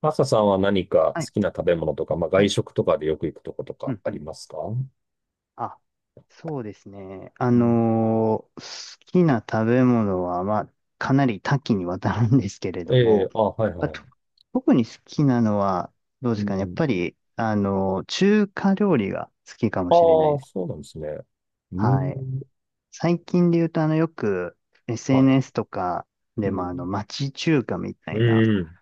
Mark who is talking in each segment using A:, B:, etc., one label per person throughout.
A: マサさんは何か
B: は
A: 好
B: い、
A: きな食べ物とか、まあ、
B: は
A: 外
B: い、
A: 食とかでよく行くとこと
B: う
A: か
B: ん
A: あ
B: う
A: り
B: ん。
A: ますか？
B: あ、そうですね。
A: うん。
B: 好きな食べ物は、まあ、かなり多岐にわたるんですけれど
A: ええ、
B: も、
A: あ、はい
B: あ
A: は
B: と
A: い。
B: 特に好きなのは、どう
A: う
B: ですかね。やっ
A: ん。
B: ぱり、中華料理が好きかもしれな
A: あ
B: い
A: あ、
B: で
A: そう
B: す。
A: なんですね。う
B: はい。
A: ん。
B: 最近で言うと、あの、よく
A: はい。
B: SNS とか
A: う
B: でも、あの、
A: ん。
B: 町中華みたいな
A: うん。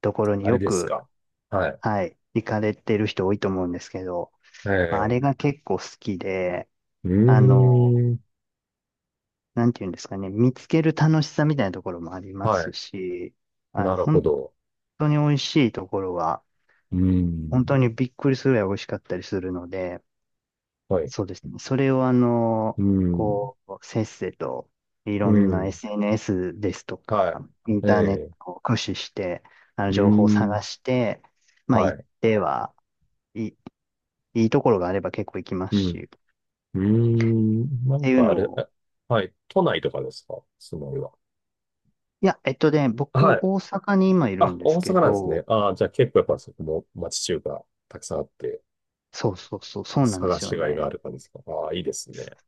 B: ところに
A: あれ
B: よ
A: です
B: く、
A: か。はい。
B: はい、行かれてる人多いと思うんですけど、まああ
A: え
B: れ
A: え。
B: が結構好きで、
A: う
B: あの、
A: ん。
B: なんていうんですかね、見つける楽しさみたいなところもありま
A: は
B: す
A: い。
B: し、あ
A: な
B: の、
A: るほ
B: 本
A: ど。
B: 当に美味しいところは、
A: う
B: 本当
A: ん。
B: にびっくりするぐらい美味しかったりするので、
A: はい。
B: そうですね。それをあの、
A: うん。
B: こう、せっせと、い
A: う
B: ろんな
A: ん。
B: SNS ですとか、イン
A: はい。
B: ターネッ
A: ええ。
B: トを駆使して、あの、
A: う
B: 情報を
A: ん。
B: 探して、まあ、
A: は
B: 行っ
A: い。
B: ては、いい、いいところがあれば結構行きます
A: う
B: し、
A: ん。
B: っ
A: うん。な
B: て
A: ん
B: いう
A: かあ
B: の
A: れ、
B: を、
A: え。はい。都内とかですか、その要は。
B: いや、えっとね、僕、
A: はい。
B: 大阪に今いる
A: あ、
B: んで
A: 大
B: す
A: 阪
B: け
A: なんですね。
B: ど、
A: ああ、じゃあ結構やっ
B: あ
A: ぱそこも町中華たくさんあって、
B: そうそうそう、そうなんで
A: 探
B: すよ
A: しがいがあ
B: ね。
A: る感じですか？ああ、いいですね。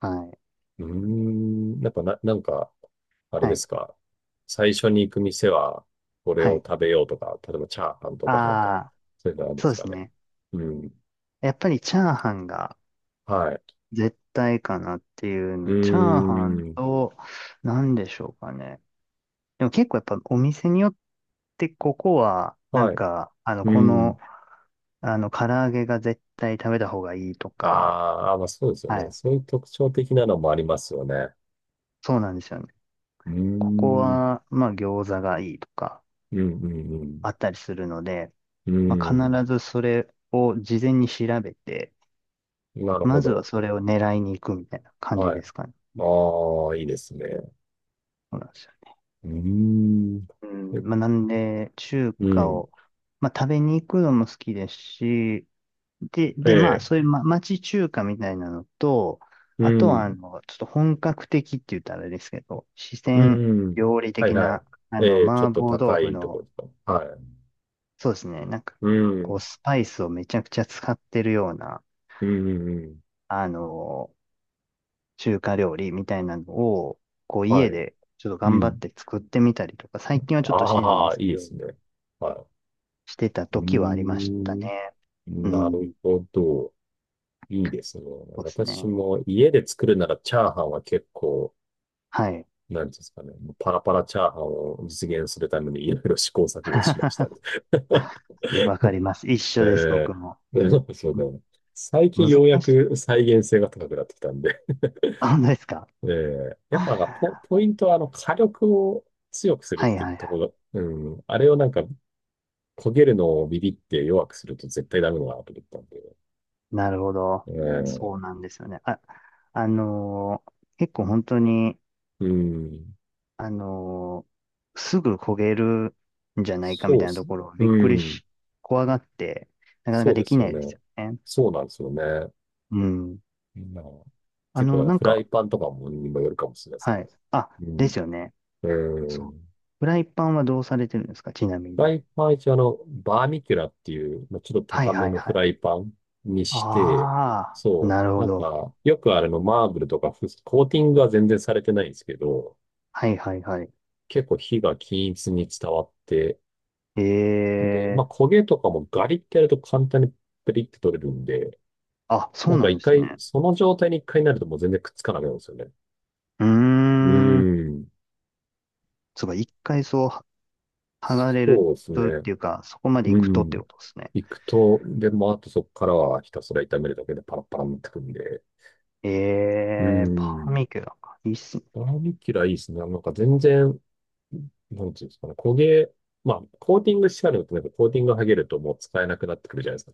B: はい。
A: うーん、やっぱな、なんか、あれ
B: は
A: で
B: い。
A: すか。最初に行く店は、これ
B: は
A: を
B: い。
A: 食べようとか、例えばチャーハンと
B: あ
A: かなんか、
B: あ、
A: そういうのあるんで
B: そう
A: す
B: で
A: か
B: す
A: ね。
B: ね。
A: うん。
B: やっぱりチャーハンが
A: はい。
B: 絶対かなっていう
A: う
B: の。チャーハン
A: ーん。
B: と、なんでしょうかね。でも結構やっぱお店によってここは、なん
A: はい。
B: か、あの、
A: う
B: こ
A: ん。
B: の、あの、唐揚げが絶対食べた方がいいとか、
A: ああ、まあそうですよ
B: は
A: ね。
B: い。
A: そういう特徴的なのもありますよね。
B: そうなんですよね。
A: うー
B: ここ
A: ん。うん、
B: は、まあ、餃子がいいとか、
A: うん、
B: あったりするので、
A: う
B: まあ、
A: ん。
B: 必ずそれを事前に調べて、
A: うん。なるほ
B: まずは
A: ど。
B: それを狙いに行くみたいな感じ
A: はい。
B: ですかね。
A: ああ、いいですね。
B: そうなんで
A: うーん。え、
B: まあ、なんで、中
A: う
B: 華
A: ん。
B: を、まあ、食べに行くのも好きですし、で、
A: え
B: で、まあ、
A: え。
B: そういう、ま、町中華みたいなのと、
A: う
B: あとは、あ
A: ん。
B: の、ちょっと本格的って言ったらあれですけど、四
A: う
B: 川
A: ん、うん。
B: 料理
A: はい
B: 的
A: はい。
B: な、あの、
A: ええ、ちょっ
B: 麻
A: と
B: 婆豆
A: 高
B: 腐
A: いとこ
B: の、
A: ろとか。はい。
B: そうですね、なんか、
A: う
B: こう、
A: ん。
B: スパイスをめちゃくちゃ使ってるような、
A: うん、うん、うん。
B: あの、中華料理みたいなのを、こう
A: は
B: 家
A: い。
B: でちょっと
A: う
B: 頑張っ
A: ん。
B: て作ってみたりとか、最近はちょっとしてないん
A: あ
B: で
A: あ、
B: す
A: いい
B: け
A: で
B: ど、
A: すね。は
B: してた
A: い。うー
B: 時はありましたね。
A: ん。
B: う
A: なる
B: ん。
A: ほど。いいですね。
B: そうですね。
A: 私も家で作るならチャーハンは結構、
B: はい。
A: なんていうんですかね。パラパラチャーハンを実現するためにいろいろ試行錯誤しましたね。
B: わかります。一
A: え
B: 緒です、僕
A: え、
B: も。
A: でもそうだ
B: む
A: ね。最近
B: 難
A: ようや
B: しい。
A: く再現性が高くなってきたんで、
B: あ、本当ですか？
A: ええ、やっ
B: は
A: ぱなんかポ、
B: い
A: ポイントはあの火力を強くするっ
B: はい
A: て
B: はい。
A: ところ、うん、あれをなんか焦げるのをビビって弱くすると絶対ダメだなと思ったんで、
B: なるほど。そう
A: ええ。
B: なんですよね。あ、あのー結構本当に、
A: うん、
B: あのーすぐ焦げるんじゃないかみ
A: そ
B: た
A: うで
B: いな
A: す
B: と
A: ね。
B: ころをびっくり
A: うん、
B: し、怖がって、なかな
A: そ
B: か
A: うで
B: でき
A: す
B: な
A: よ
B: いです
A: ね。
B: よね。
A: そうなんですよね。
B: うん。
A: うん、
B: あ
A: 結構だ
B: の、
A: から
B: なん
A: フライ
B: か、
A: パンとかもにもよるかもしれないですけ
B: は
A: どね。
B: い。あ、で
A: う
B: すよね。
A: ん、う
B: そう。
A: ん。
B: フライパンはどうされてるんですかちなみ
A: フラ
B: に。
A: イパン一応あの、バーミキュラっていう、まあ、ちょっと
B: は
A: 高
B: い
A: め
B: はい
A: のフ
B: はい。
A: ライパンにして、
B: ああ、
A: そ
B: なる
A: う、
B: ほ
A: なん
B: ど。
A: か、よくあれのマーブルとかコーティングは全然されてないんですけど、
B: はいはいはい。
A: 結構火が均一に伝わって、
B: え
A: で、ま
B: え、
A: あ焦げとかもガリってやると簡単にペリって取れるんで、
B: あ、そ
A: な
B: う
A: ん
B: な
A: か
B: ん
A: 一
B: です
A: 回、
B: ね。
A: その状態に一回になるともう全然くっつかなくなるんですよね。
B: うー
A: う
B: ん。
A: ーん、
B: そうか、一回そう、剥がれる
A: そうです
B: とっ
A: ね。
B: ていうか、そこまで
A: う
B: 行くとって
A: ん。
B: ことですね。
A: 行くと、で、もあとそこからはひたすら炒めるだけでパラパラになってくんで、
B: え
A: う
B: えパー
A: ん。
B: ミキュラか。いいっすね。
A: バーミキュラいいですね。なんか全然、なんていうんですかね、焦げ、まあ、コーティングしてあるのと、なんかコーティング剥げるともう使えなくなってくるじゃないですか。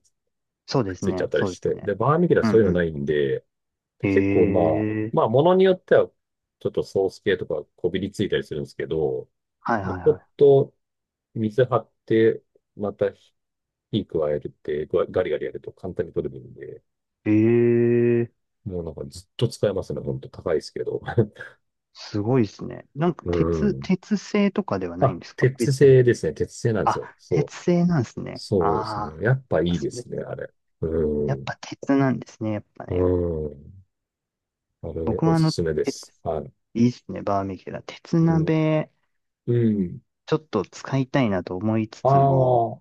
B: そう
A: く
B: で
A: っ
B: す
A: ついちゃっ
B: ね。
A: たり
B: そう
A: し
B: です
A: て。
B: ね。
A: で、バーミキュラ
B: う
A: そ
B: ん
A: ういう
B: う
A: の
B: ん。
A: ないんで、で、
B: え
A: 結構まあ、
B: え
A: ものによっては、ちょっとソース系とかこびりついたりするんですけど、
B: はい
A: もう
B: は
A: ち
B: い
A: ょっ
B: は
A: と水張って、また火加えて、ガガリガリやると簡単に取れるんで、
B: い。ええ
A: もうなんかずっと使えますね。ほんと高いですけど。
B: すごいっすね。
A: うん。
B: 鉄製とかではないん
A: あ、
B: ですか
A: 鉄
B: 別に。
A: 製ですね。鉄製なんです
B: あ、
A: よ。そ
B: 鉄
A: う。
B: 製なんですね。
A: そうです
B: あ
A: ね。やっぱい
B: あ、
A: い
B: そ
A: で
B: れ、
A: すね、あれ。う
B: やっ
A: ん。
B: ぱ鉄なんですね。やっぱ
A: う
B: ね。
A: ん。あれ、
B: 僕
A: お
B: はあ
A: す
B: の、
A: すめで
B: 鉄、
A: す。はい。
B: いいっすね。バーミキュラ。鉄
A: うん。
B: 鍋、
A: うん。
B: ちょっと使いたいなと思いつ
A: あ
B: つも、
A: あ、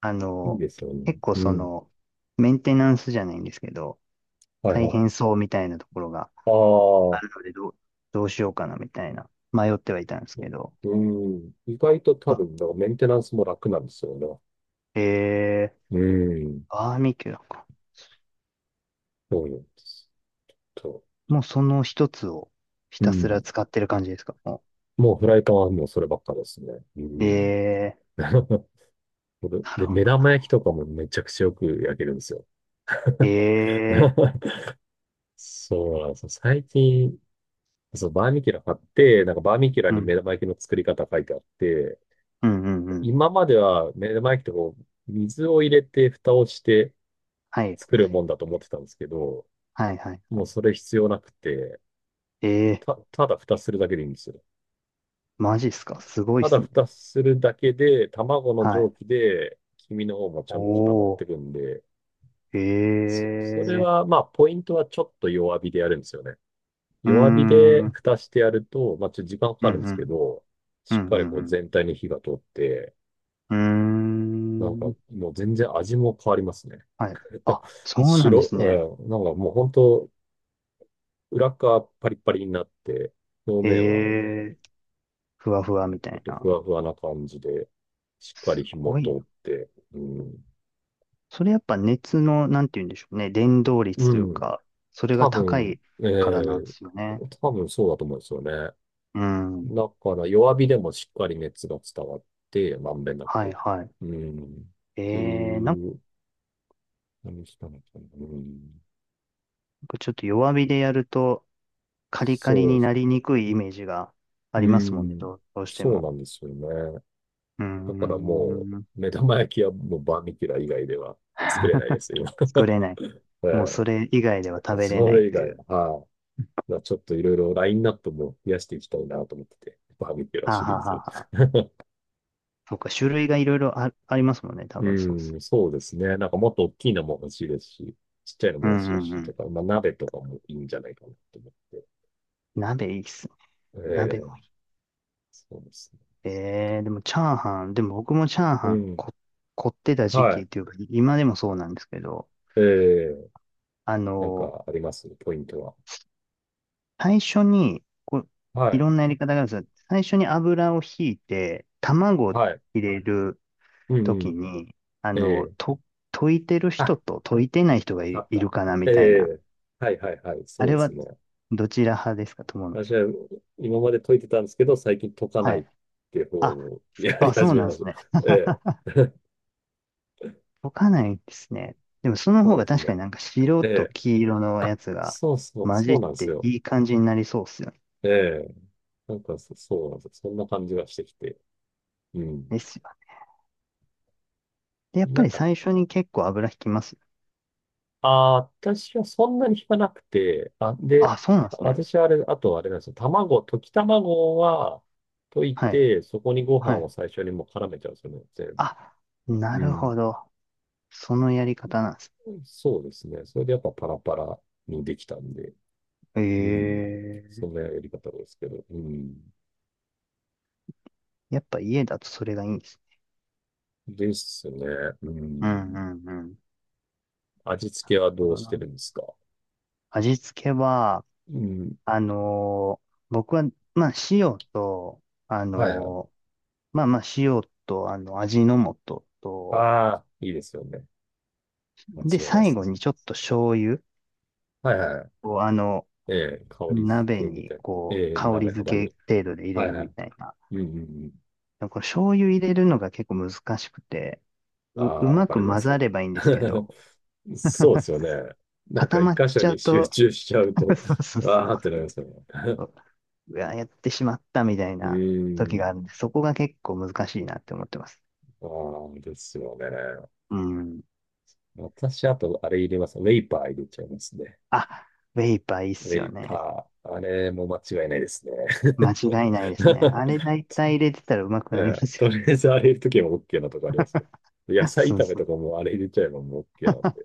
B: あ
A: いい
B: の、
A: ですよね。
B: 結構
A: う
B: そ
A: ん。
B: の、メンテナンスじゃないんですけど、
A: はい
B: 大
A: は
B: 変
A: い。
B: そうみたいなところが
A: あ
B: あ
A: あ、
B: るので、どうしようかなみたいな、迷ってはいたんですけど、
A: うん。意外と多
B: あ
A: 分、だからメンテナンスも楽なんですよね。
B: えー、
A: うん。
B: バーミキュラか。
A: そうなんです。と、
B: もうその一つをひ
A: う
B: たすら
A: ん。
B: 使ってる感じですかも
A: もうフライパンはもうそればっかですね。う
B: う。
A: ん。
B: え ー、なる
A: で、
B: ほ
A: 目
B: ど。
A: 玉焼きとかもめちゃくちゃよく焼けるんですよ。
B: えー、
A: そうなんですよ。最近、そう、バーミキュラ買って、なんかバーミキュラ
B: う
A: に
B: ん、
A: 目玉焼きの作り方書いてあって、
B: うん、うん、うん。
A: 今までは目玉焼きってこう、水を入れて蓋をして
B: はい、
A: 作る
B: はい、
A: もんだと思ってたんですけど、
B: はい、はい。
A: も
B: は
A: うそれ必要なくて、
B: いえ
A: ただ蓋するだけでいいんですよ。
B: ー、マジっすかすごいっ
A: ただ
B: すね。
A: 蓋するだけで、卵の
B: はい。
A: 蒸気で、黄身の方もちゃんと固まっ
B: お
A: てく
B: ー、
A: んで、
B: え
A: そ、それ
B: ー、
A: は、まあ、ポイントはちょっと弱火でやるんですよね。
B: うー
A: 弱火
B: ん、う
A: で
B: ん、
A: 蓋してやると、まあ、ちょっと時間か
B: う
A: かるん
B: ん、
A: で
B: う
A: すけ
B: ん、
A: ど、
B: う
A: しっかり
B: ん、
A: こ
B: う
A: う
B: ん。
A: 全体に火が通って、
B: うー
A: なんか
B: ん
A: もう全然味も変わりますね。
B: はい。あ、そうなんですね。
A: うん、なんかもう本当、裏側パリパリになって、表
B: へ
A: 面は
B: え、ふわふわみた
A: ちょっ
B: い
A: と
B: な。
A: ふわふわな感じで、しっかり
B: す
A: 火も
B: ご
A: 通
B: い
A: っ
B: な。
A: て、うん、
B: それやっぱ熱の、なんて言うんでしょうね。伝導率
A: う
B: という
A: ん、
B: か、それが
A: 多
B: 高
A: 分、
B: い
A: え
B: からなん
A: え、
B: ですよね。
A: 多分そうだと思うんですよね。
B: うん。
A: だから弱火でもしっかり熱が伝わって、まんべんな
B: はい
A: く。
B: はい。
A: うん。っ
B: え
A: て
B: え、なんか
A: いう何したのかな。うん。
B: ちょっと弱火でやると、カリカリ
A: そう
B: に
A: です。
B: なりにくいイメージがあ
A: う
B: りますもんね。
A: ん。
B: どう、どうして
A: そう
B: も。
A: なんですよね。
B: うー
A: だからも
B: ん。
A: う、目玉焼きはもうバーミキュラ以外では作れないです、今。
B: 作れない。もうそ
A: え
B: れ以外では
A: え、
B: 食べれ
A: そ
B: ない
A: れ以
B: とい
A: 外
B: う。
A: は、はい。まあちょっといろいろラインナップも増やしていきたいなと思ってて、バーミキュラ
B: はあ、
A: シ
B: は
A: リー
B: あは
A: ズを。
B: あはあ、そうか、種類がいろいろあ、ありますもんね。多分そう
A: うん、そうですね。なんかもっと大きいのも欲しいですし、ちっちゃいの
B: う
A: も欲
B: ん
A: しい
B: うんう
A: しと
B: ん。
A: か、まあ鍋とかもいいんじゃないかなと思って。
B: 鍋いいっすね。
A: え
B: 鍋も
A: え。
B: い
A: そうですね。
B: い。えー、でも僕もチャー
A: う
B: ハン
A: ん。
B: こ、凝ってた時
A: は
B: 期っ
A: い。
B: ていうか、今でもそうなんですけど、
A: ええ、
B: あ
A: なん
B: の、
A: かありますポイントは？
B: 最初に、こう、
A: は
B: い
A: い。
B: ろんなやり方があるんですよ。最初に油をひいて、卵を
A: はい。
B: 入れる
A: うんう
B: 時
A: ん。
B: に、あ
A: え
B: の、
A: え。
B: と、溶いてる人
A: あ、
B: と溶いてない人が
A: わか
B: い、
A: っ
B: いる
A: た。
B: かなみ
A: え
B: たいな。
A: え。はいはいはい。
B: あ
A: そう
B: れ
A: で
B: は、
A: すね。
B: どちら派ですか、友野
A: 私
B: さん。
A: は今まで解いてたんですけど、最近解かな
B: は
A: いっ
B: い。
A: ていう方
B: あ、
A: をやり
B: あ、そ
A: 始
B: う
A: め
B: なんで
A: ま
B: す
A: した。
B: ね。
A: え え。
B: 溶かないですね。でもその方
A: そう
B: が
A: です
B: 確
A: ね。
B: かになんか白
A: え
B: と
A: え。
B: 黄色のや
A: あ、
B: つが
A: そうそう、
B: 混じ
A: そう
B: っ
A: なんです
B: て
A: よ。
B: いい感じになりそうっすよね。
A: ええ。なんかそうなんですよ。そんな感じがしてきて。うん。
B: ですよね。で、やっぱ
A: なん
B: り
A: か、
B: 最初に結構油引きますよ。
A: ああ、私はそんなに引かなくて、あ、
B: あ、
A: で、
B: そうなんですね。
A: 私はあれ、あとあれなんですよ。卵、溶き卵は溶い
B: はい。
A: て、そこにご飯
B: は
A: を
B: い。
A: 最初にもう絡めちゃうんですよね、全部。
B: あ、な
A: う
B: る
A: ん。
B: ほど。そのやり方なんです。
A: そうですね。それでやっぱパラパラにできたんで、うん。そ
B: ええ
A: んなやり方ですけど、うん。
B: やっぱ家だとそれがいいんですね。
A: ですね。う
B: うんう
A: ん。
B: んうん。なる
A: 味付けは
B: ほ
A: どう
B: ど
A: して
B: な。
A: るんですか？
B: 味付けは、
A: うん。
B: 僕は、まあ塩と、あ
A: はいはい。
B: のーまあまあ塩と、あの、味の素
A: あ
B: と、
A: あ、いいですよね。間
B: で、
A: 違いないで
B: 最
A: す
B: 後
A: ね。
B: にちょっと醤油
A: はいはい。
B: をあの、
A: ええ、香り付
B: 鍋
A: けみた
B: に
A: いな。
B: こう、
A: ええ、
B: 香り
A: 鍋肌
B: 付
A: に。
B: け程度で入
A: は
B: れ
A: い
B: る
A: は
B: み
A: い。
B: たいな。
A: うんうんうん。
B: この醤油入れるのが結構難しくて、
A: あ
B: う、う
A: あ、わ
B: ま
A: かり
B: く
A: ま
B: 混ざ
A: す。
B: ればいいんですけ ど、
A: そうですよね。なんか
B: 固ま
A: 一
B: っ
A: 箇所
B: ちゃ
A: に
B: う
A: 集
B: と、
A: 中しちゃう と、
B: そうそ う
A: あ
B: そ
A: あってなりますよね。
B: う。うわ、やってしまったみたい
A: う
B: な
A: ー
B: 時があ
A: ん。
B: るんで、そこが結構難しいなって思ってます。
A: ああ、ですよね。
B: うん。
A: 私、あと、あれ入れます。ウェイパー入れちゃいますね。
B: あ、ウェイパーいいっ
A: ウェ
B: すよ
A: イ
B: ね。
A: パー。あれも間違いないですね。
B: 間違いないですね。あれ 大体入れてたらうまく
A: え
B: なりま
A: え、
B: す
A: と
B: よ
A: りあえずあれ入れるときは OK なとこあります。
B: ね。
A: 野 菜
B: そう
A: 炒め
B: そ
A: と
B: う。
A: かもあれ入れちゃえばもう OK なんで。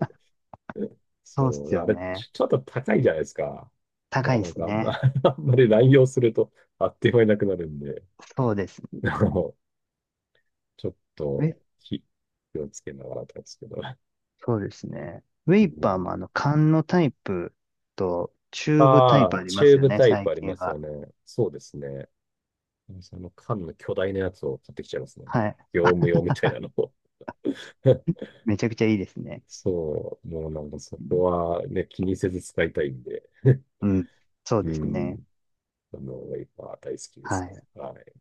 B: そうっ
A: そう、
B: すよ
A: あれ、ちょ、
B: ね。
A: ちょっと高いじゃないですか。
B: 高
A: な
B: いで
A: ん
B: す
A: か、あんま
B: ね。
A: あんまり乱用すると、あっという間になくなるんで、
B: そうです
A: あの、ちょっと、
B: ね。え、
A: 気気をつけながらなんですけど。
B: そうですね。ウェ
A: う
B: イパー
A: ん、
B: もあの、缶のタイプとチューブタイ
A: あ
B: プ
A: あ、
B: あり
A: チ
B: ま
A: ュー
B: すよ
A: ブ
B: ね、
A: タイプ
B: 最
A: あり
B: 近
A: ますよ
B: は。
A: ね。そうですね。その缶の巨大なやつを買ってきちゃいますね。
B: はい。
A: 業務用みたいなのを。
B: めちゃくちゃいいですね。
A: そう、もうなんかそこはね、気にせず使いたいんで。
B: うん。そう
A: う
B: ですね。
A: ん、あの、ワイパー大好きで
B: は
A: すね。
B: い。
A: はい。